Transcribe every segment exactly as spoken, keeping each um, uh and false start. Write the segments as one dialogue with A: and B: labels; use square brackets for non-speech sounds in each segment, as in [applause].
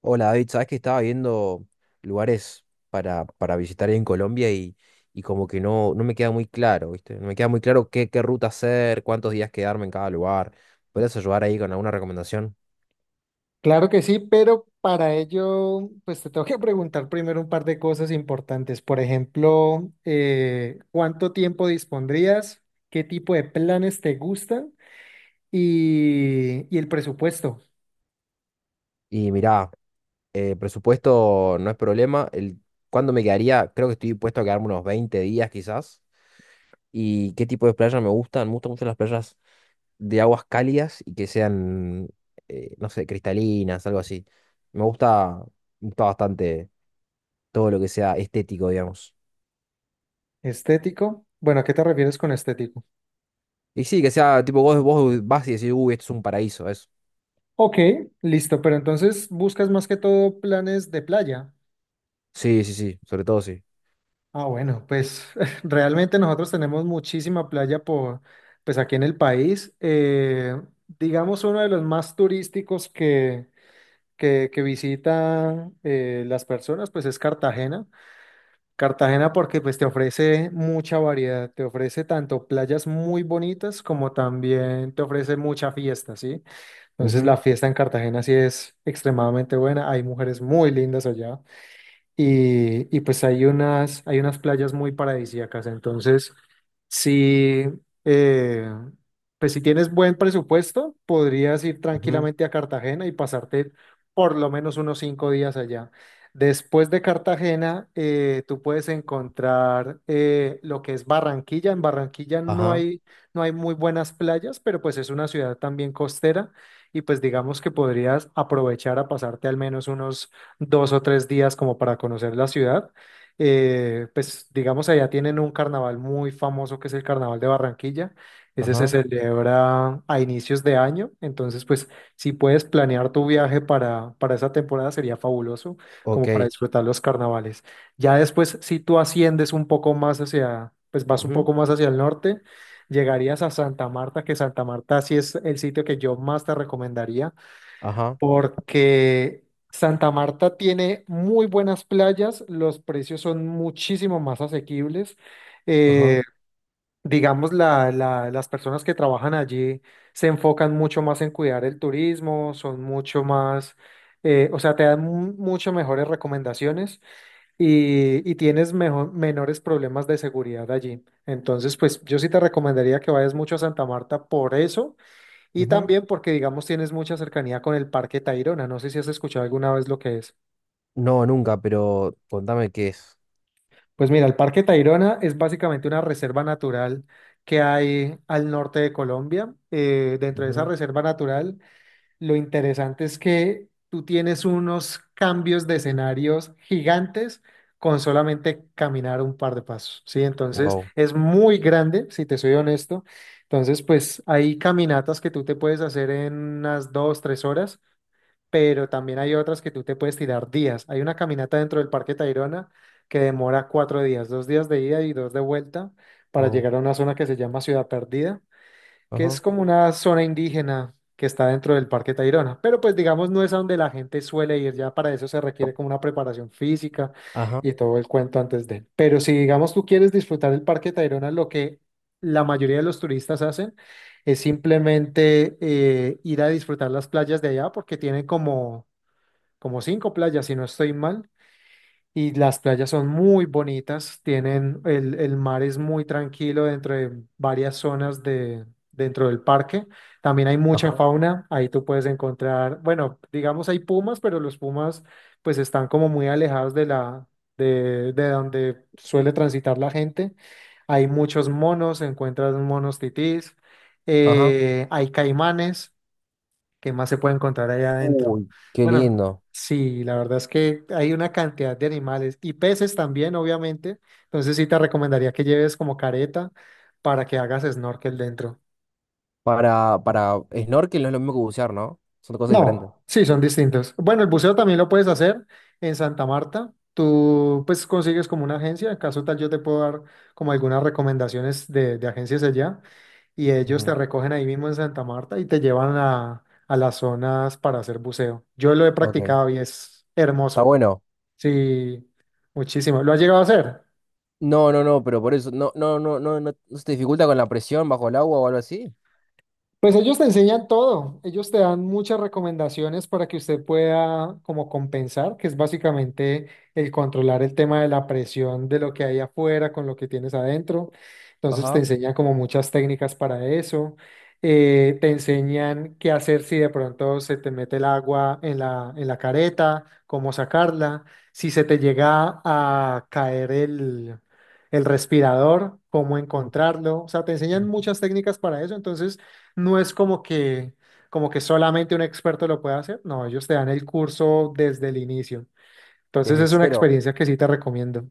A: Hola David, sabes que estaba viendo lugares para, para visitar ahí en Colombia y, y como que no, no me queda muy claro, ¿viste? No me queda muy claro qué, qué ruta hacer, cuántos días quedarme en cada lugar. ¿Puedes ayudar ahí con alguna recomendación?
B: Claro que sí, pero para ello, pues te tengo que preguntar primero un par de cosas importantes. Por ejemplo, eh, ¿cuánto tiempo dispondrías? ¿Qué tipo de planes te gustan? Y, y el presupuesto
A: Y mirá, eh, presupuesto no es problema. El, ¿cuándo me quedaría? Creo que estoy dispuesto a quedarme unos veinte días quizás. ¿Y qué tipo de playas me gustan? Me gustan mucho las playas de aguas cálidas y que sean, eh, no sé, cristalinas, algo así. Me gusta, me gusta bastante todo lo que sea estético, digamos.
B: estético. Bueno, ¿a qué te refieres con estético?
A: Y sí, que sea tipo vos, vos vas y decís, uy, esto es un paraíso, eso.
B: Ok, listo, pero entonces buscas más que todo planes de playa.
A: Sí, sí, sí, sobre todo sí.
B: Ah, bueno, pues [laughs] realmente nosotros tenemos muchísima playa por, pues aquí en el país. Eh, digamos uno de los más turísticos que que, que visita eh, las personas, pues es Cartagena. Cartagena porque pues te ofrece mucha variedad, te ofrece tanto playas muy bonitas como también te ofrece mucha fiesta, ¿sí? Entonces la
A: Ujú,
B: fiesta en Cartagena sí es extremadamente buena, hay mujeres muy lindas allá y, y pues hay unas, hay unas playas muy paradisíacas. Entonces, si, eh, pues si tienes buen presupuesto, podrías ir
A: ujú,
B: tranquilamente a Cartagena y pasarte por lo menos unos cinco días allá. Después de Cartagena, eh, tú puedes encontrar eh, lo que es Barranquilla. En Barranquilla no
A: ajá,
B: hay, no hay muy buenas playas, pero pues es una ciudad también costera y pues digamos que podrías aprovechar a pasarte al menos unos dos o tres días como para conocer la ciudad. Eh, pues digamos, allá tienen un carnaval muy famoso que es el Carnaval de Barranquilla. Ese se
A: ajá,
B: celebra a inicios de año. Entonces, pues si puedes planear tu viaje para, para esa temporada sería fabuloso, como para
A: ok.
B: disfrutar los carnavales. Ya después, si tú asciendes un poco más hacia, pues vas un
A: Ujú,
B: poco más hacia el norte. Llegarías a Santa Marta, que Santa Marta sí es el sitio que yo más te recomendaría
A: ajá,
B: porque Santa Marta tiene muy buenas playas, los precios son muchísimo más asequibles.
A: ajá,
B: eh, digamos, la- la- las personas que trabajan allí se enfocan mucho más en cuidar el turismo, son mucho más, eh, o sea, te dan mu- mucho mejores recomendaciones y, y tienes mejo- menores problemas de seguridad allí. Entonces, pues yo sí te recomendaría que vayas mucho a Santa Marta por eso y
A: ujú.
B: también porque, digamos, tienes mucha cercanía con el Parque Tayrona. No sé si has escuchado alguna vez lo que es.
A: No, nunca, pero contame qué es.
B: Pues mira, el Parque Tayrona es básicamente una reserva natural que hay al norte de Colombia. Eh, dentro de esa reserva natural, lo interesante es que tú tienes unos cambios de escenarios gigantes con solamente caminar un par de pasos, ¿sí? Entonces,
A: Wow,
B: es muy grande, si te soy honesto. Entonces, pues hay caminatas que tú te puedes hacer en unas dos, tres horas, pero también hay otras que tú te puedes tirar días. Hay una caminata dentro del Parque Tayrona que demora cuatro días, dos días de ida y dos de vuelta para
A: wow,
B: llegar a una zona que se llama Ciudad Perdida, que es
A: ajá,
B: como una zona indígena que está dentro del Parque Tayrona, pero pues digamos no es a donde la gente suele ir, ya para eso se requiere como una preparación física
A: ajá,
B: y todo el cuento antes de. Pero si digamos tú quieres disfrutar el Parque Tayrona, lo que la mayoría de los turistas hacen es simplemente eh, ir a disfrutar las playas de allá porque tienen como, como cinco playas, si no estoy mal, y las playas son muy bonitas, tienen, el, el mar es muy tranquilo dentro de varias zonas de, dentro del parque. También hay mucha
A: ajá,
B: fauna, ahí tú puedes encontrar, bueno, digamos hay pumas, pero los pumas pues están como muy alejados de la, de, de donde suele transitar la gente. Hay muchos monos, encuentras monos titís,
A: ajá.
B: eh, hay caimanes. ¿Qué más se puede encontrar allá adentro?
A: Uy, qué
B: Bueno,
A: lindo.
B: sí, la verdad es que hay una cantidad de animales y peces también, obviamente. Entonces sí te recomendaría que lleves como careta para que hagas snorkel dentro.
A: Para, para snorkel no es lo mismo que bucear, ¿no? Son dos cosas diferentes.
B: No, sí, son distintos. Bueno, el buceo también lo puedes hacer en Santa Marta. Tú pues consigues como una agencia, en caso tal yo te puedo dar como algunas recomendaciones de, de agencias allá y ellos te
A: Ujú,
B: recogen ahí mismo en Santa Marta y te llevan a, a las zonas para hacer buceo. Yo lo he
A: ok,
B: practicado y es
A: está
B: hermoso.
A: bueno.
B: Sí, muchísimo. ¿Lo has llegado a hacer?
A: No, no, no, pero por eso, no, no, no, no, no, no se te dificulta con la presión bajo el agua o algo así.
B: Pues ellos te enseñan todo, ellos te dan muchas recomendaciones para que usted pueda como compensar, que es básicamente el controlar el tema de la presión de lo que hay afuera con lo que tienes adentro. Entonces te
A: Ajá.
B: enseñan como muchas técnicas para eso. Eh, te enseñan qué hacer si de pronto se te mete el agua en la, en la careta, cómo sacarla, si se te llega a caer el, el respirador, cómo
A: Mm,
B: encontrarlo. O sea, te enseñan
A: ujú.
B: muchas técnicas para eso. Entonces... No es como que, como que solamente un experto lo puede hacer. No, ellos te dan el curso desde el inicio. Entonces
A: Desde
B: es una
A: cero.
B: experiencia que sí te recomiendo.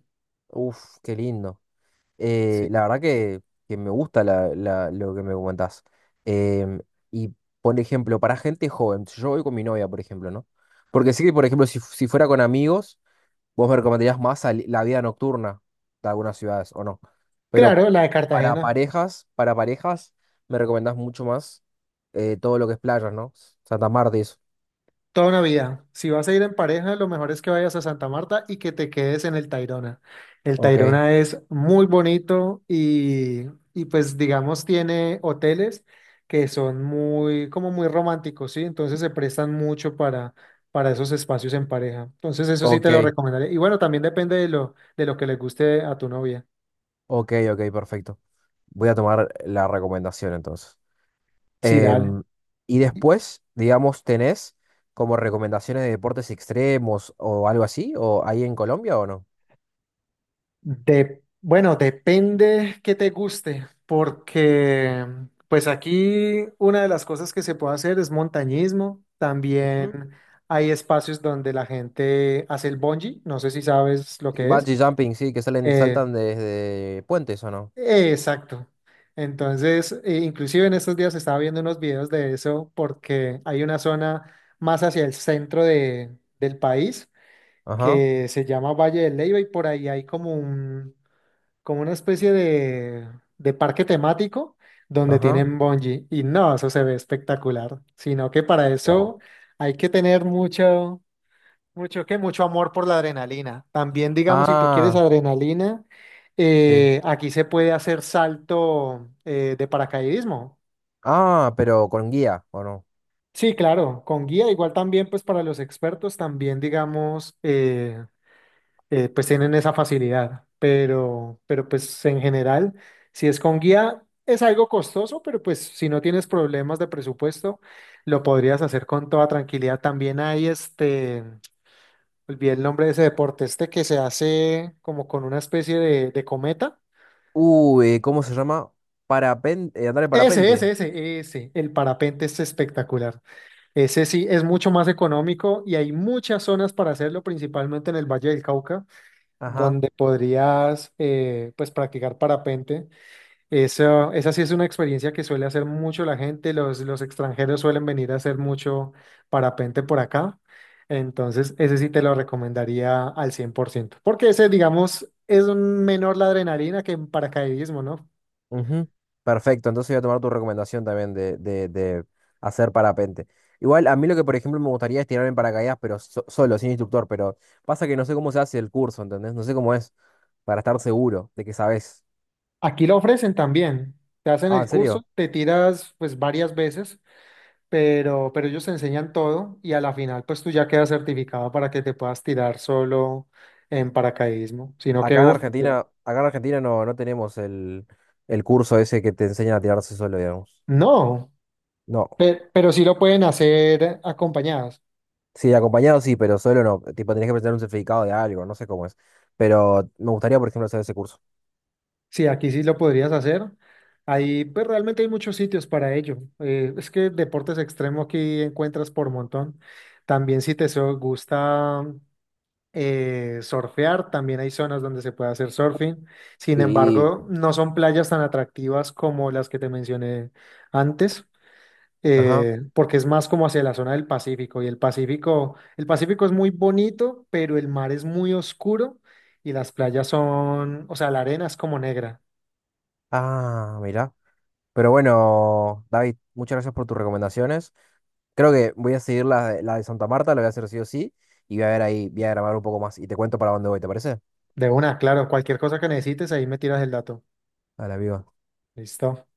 A: Uf, qué lindo.
B: Sí.
A: Eh, la verdad que, que me gusta la, la- lo que me comentás. Em, y, por ejemplo, para gente joven, si yo voy con mi novia, por ejemplo, ¿no? Porque sé que, por ejemplo, si, fu- si fuera con amigos. Vos me recomendarías más sali- la vida nocturna de algunas ciudades, ¿o no? Pero
B: Claro, la de
A: para
B: Cartagena.
A: parejas, para parejas, me recomendás mucho más eh, todo lo que es playas, ¿no? Santa Marta y eso.
B: Toda una vida. Si vas a ir en pareja, lo mejor es que vayas a Santa Marta y que te quedes en el Tayrona. El
A: Ok,
B: Tayrona es muy bonito y, y pues digamos tiene hoteles que son muy, como muy románticos, ¿sí? Entonces se prestan mucho para, para esos espacios en pareja. Entonces eso sí te
A: ok,
B: lo recomendaré. Y bueno, también depende de lo, de lo que le guste a tu novia.
A: ok, ok, perfecto. Voy a tomar la recomendación entonces.
B: Sí, dale.
A: Em, y después, digamos, ¿tenés como recomendaciones de deportes extremos o algo así? ¿O ahí en Colombia o no?
B: De, bueno, depende que te guste, porque pues aquí una de las cosas que se puede hacer es montañismo. También
A: Ujú.
B: hay espacios donde la gente hace el bungee, no sé si sabes lo
A: Sí,
B: que es.
A: bungee jumping, sí, que salen,
B: Eh,
A: saltan desde puentes, ¿o no?
B: eh, exacto. Entonces, eh, inclusive en estos días estaba viendo unos videos de eso porque hay una zona más hacia el centro de, del país
A: Ajá,
B: que se llama Valle del Leyva y por ahí hay como un, como una especie de, de parque temático donde
A: ajá.
B: tienen bungee y no, eso se ve espectacular, sino que para
A: Wow.
B: eso hay que tener mucho, mucho que mucho amor por la adrenalina. También digamos, si tú quieres
A: Ah,
B: adrenalina,
A: sí.
B: eh, aquí se puede hacer salto eh, de paracaidismo.
A: Ah, pero con guía, ¿o no?
B: Sí, claro, con guía, igual también pues para los expertos también digamos, eh, eh, pues tienen esa facilidad, pero, pero pues en general, si es con guía, es algo costoso, pero pues si no tienes problemas de presupuesto, lo podrías hacer con toda tranquilidad. También hay este, olvidé el nombre de ese deporte, este que se hace como con una especie de, de cometa.
A: Uy, ¿cómo se llama? Parapente, eh, andar en
B: Ese, ese,
A: parapente.
B: ese, ese, el parapente es espectacular. Ese sí es mucho más económico y hay muchas zonas para hacerlo, principalmente en el Valle del Cauca,
A: Ajá.
B: donde podrías eh, pues practicar parapente. Eso, esa sí es una experiencia que suele hacer mucho la gente. Los, los extranjeros suelen venir a hacer mucho parapente por acá. Entonces, ese sí te lo recomendaría al cien por ciento. Porque ese, digamos, es un menor la adrenalina que en paracaidismo, ¿no?
A: Ujú. Perfecto, entonces voy a tomar tu recomendación también de, de, de hacer parapente. Igual, a mí lo que, por ejemplo, me gustaría es tirar en paracaídas, pero so- solo, sin instructor, pero pasa que no sé cómo se hace el curso, ¿entendés? No sé cómo es, para estar seguro de que sabes.
B: Aquí lo ofrecen también. Te hacen
A: Ah, ¿en
B: el curso,
A: serio?
B: te tiras pues varias veces, pero, pero ellos te enseñan todo y a la final pues tú ya quedas certificado para que te puedas tirar solo en paracaidismo. Sino que,
A: Acá en
B: uff, ya.
A: Argentina, acá en Argentina no, no tenemos el, el curso ese que te enseña a tirarse solo, digamos.
B: No.
A: No.
B: Pe- Pero, sí lo pueden hacer acompañadas.
A: Sí, acompañado sí, pero solo no. Tipo, tenés que presentar un certificado de algo, no sé cómo es. Pero me gustaría, por ejemplo, hacer ese curso.
B: Sí, aquí sí lo podrías hacer. Ahí, pues realmente hay muchos sitios para ello. Eh, es que deportes extremos aquí encuentras por montón. También si te so- gusta eh, surfear, también hay zonas donde se puede hacer surfing. Sin
A: Y
B: embargo, no son playas tan atractivas como las que te mencioné antes.
A: ajá.
B: Eh, porque es más como hacia la zona del Pacífico y el Pacífico, el Pacífico es muy bonito, pero el mar es muy oscuro y las playas son, o sea, la arena es como negra.
A: Ah, mira, pero bueno, David, muchas gracias por tus recomendaciones. Creo que voy a seguir la, de- la de Santa Marta, la voy a hacer sí o sí. Y voy a ver ahí, voy a grabar un poco más. Y te cuento para dónde voy, ¿te parece?
B: De una, claro, cualquier cosa que necesites, ahí me tiras el dato.
A: A la viva.
B: Listo.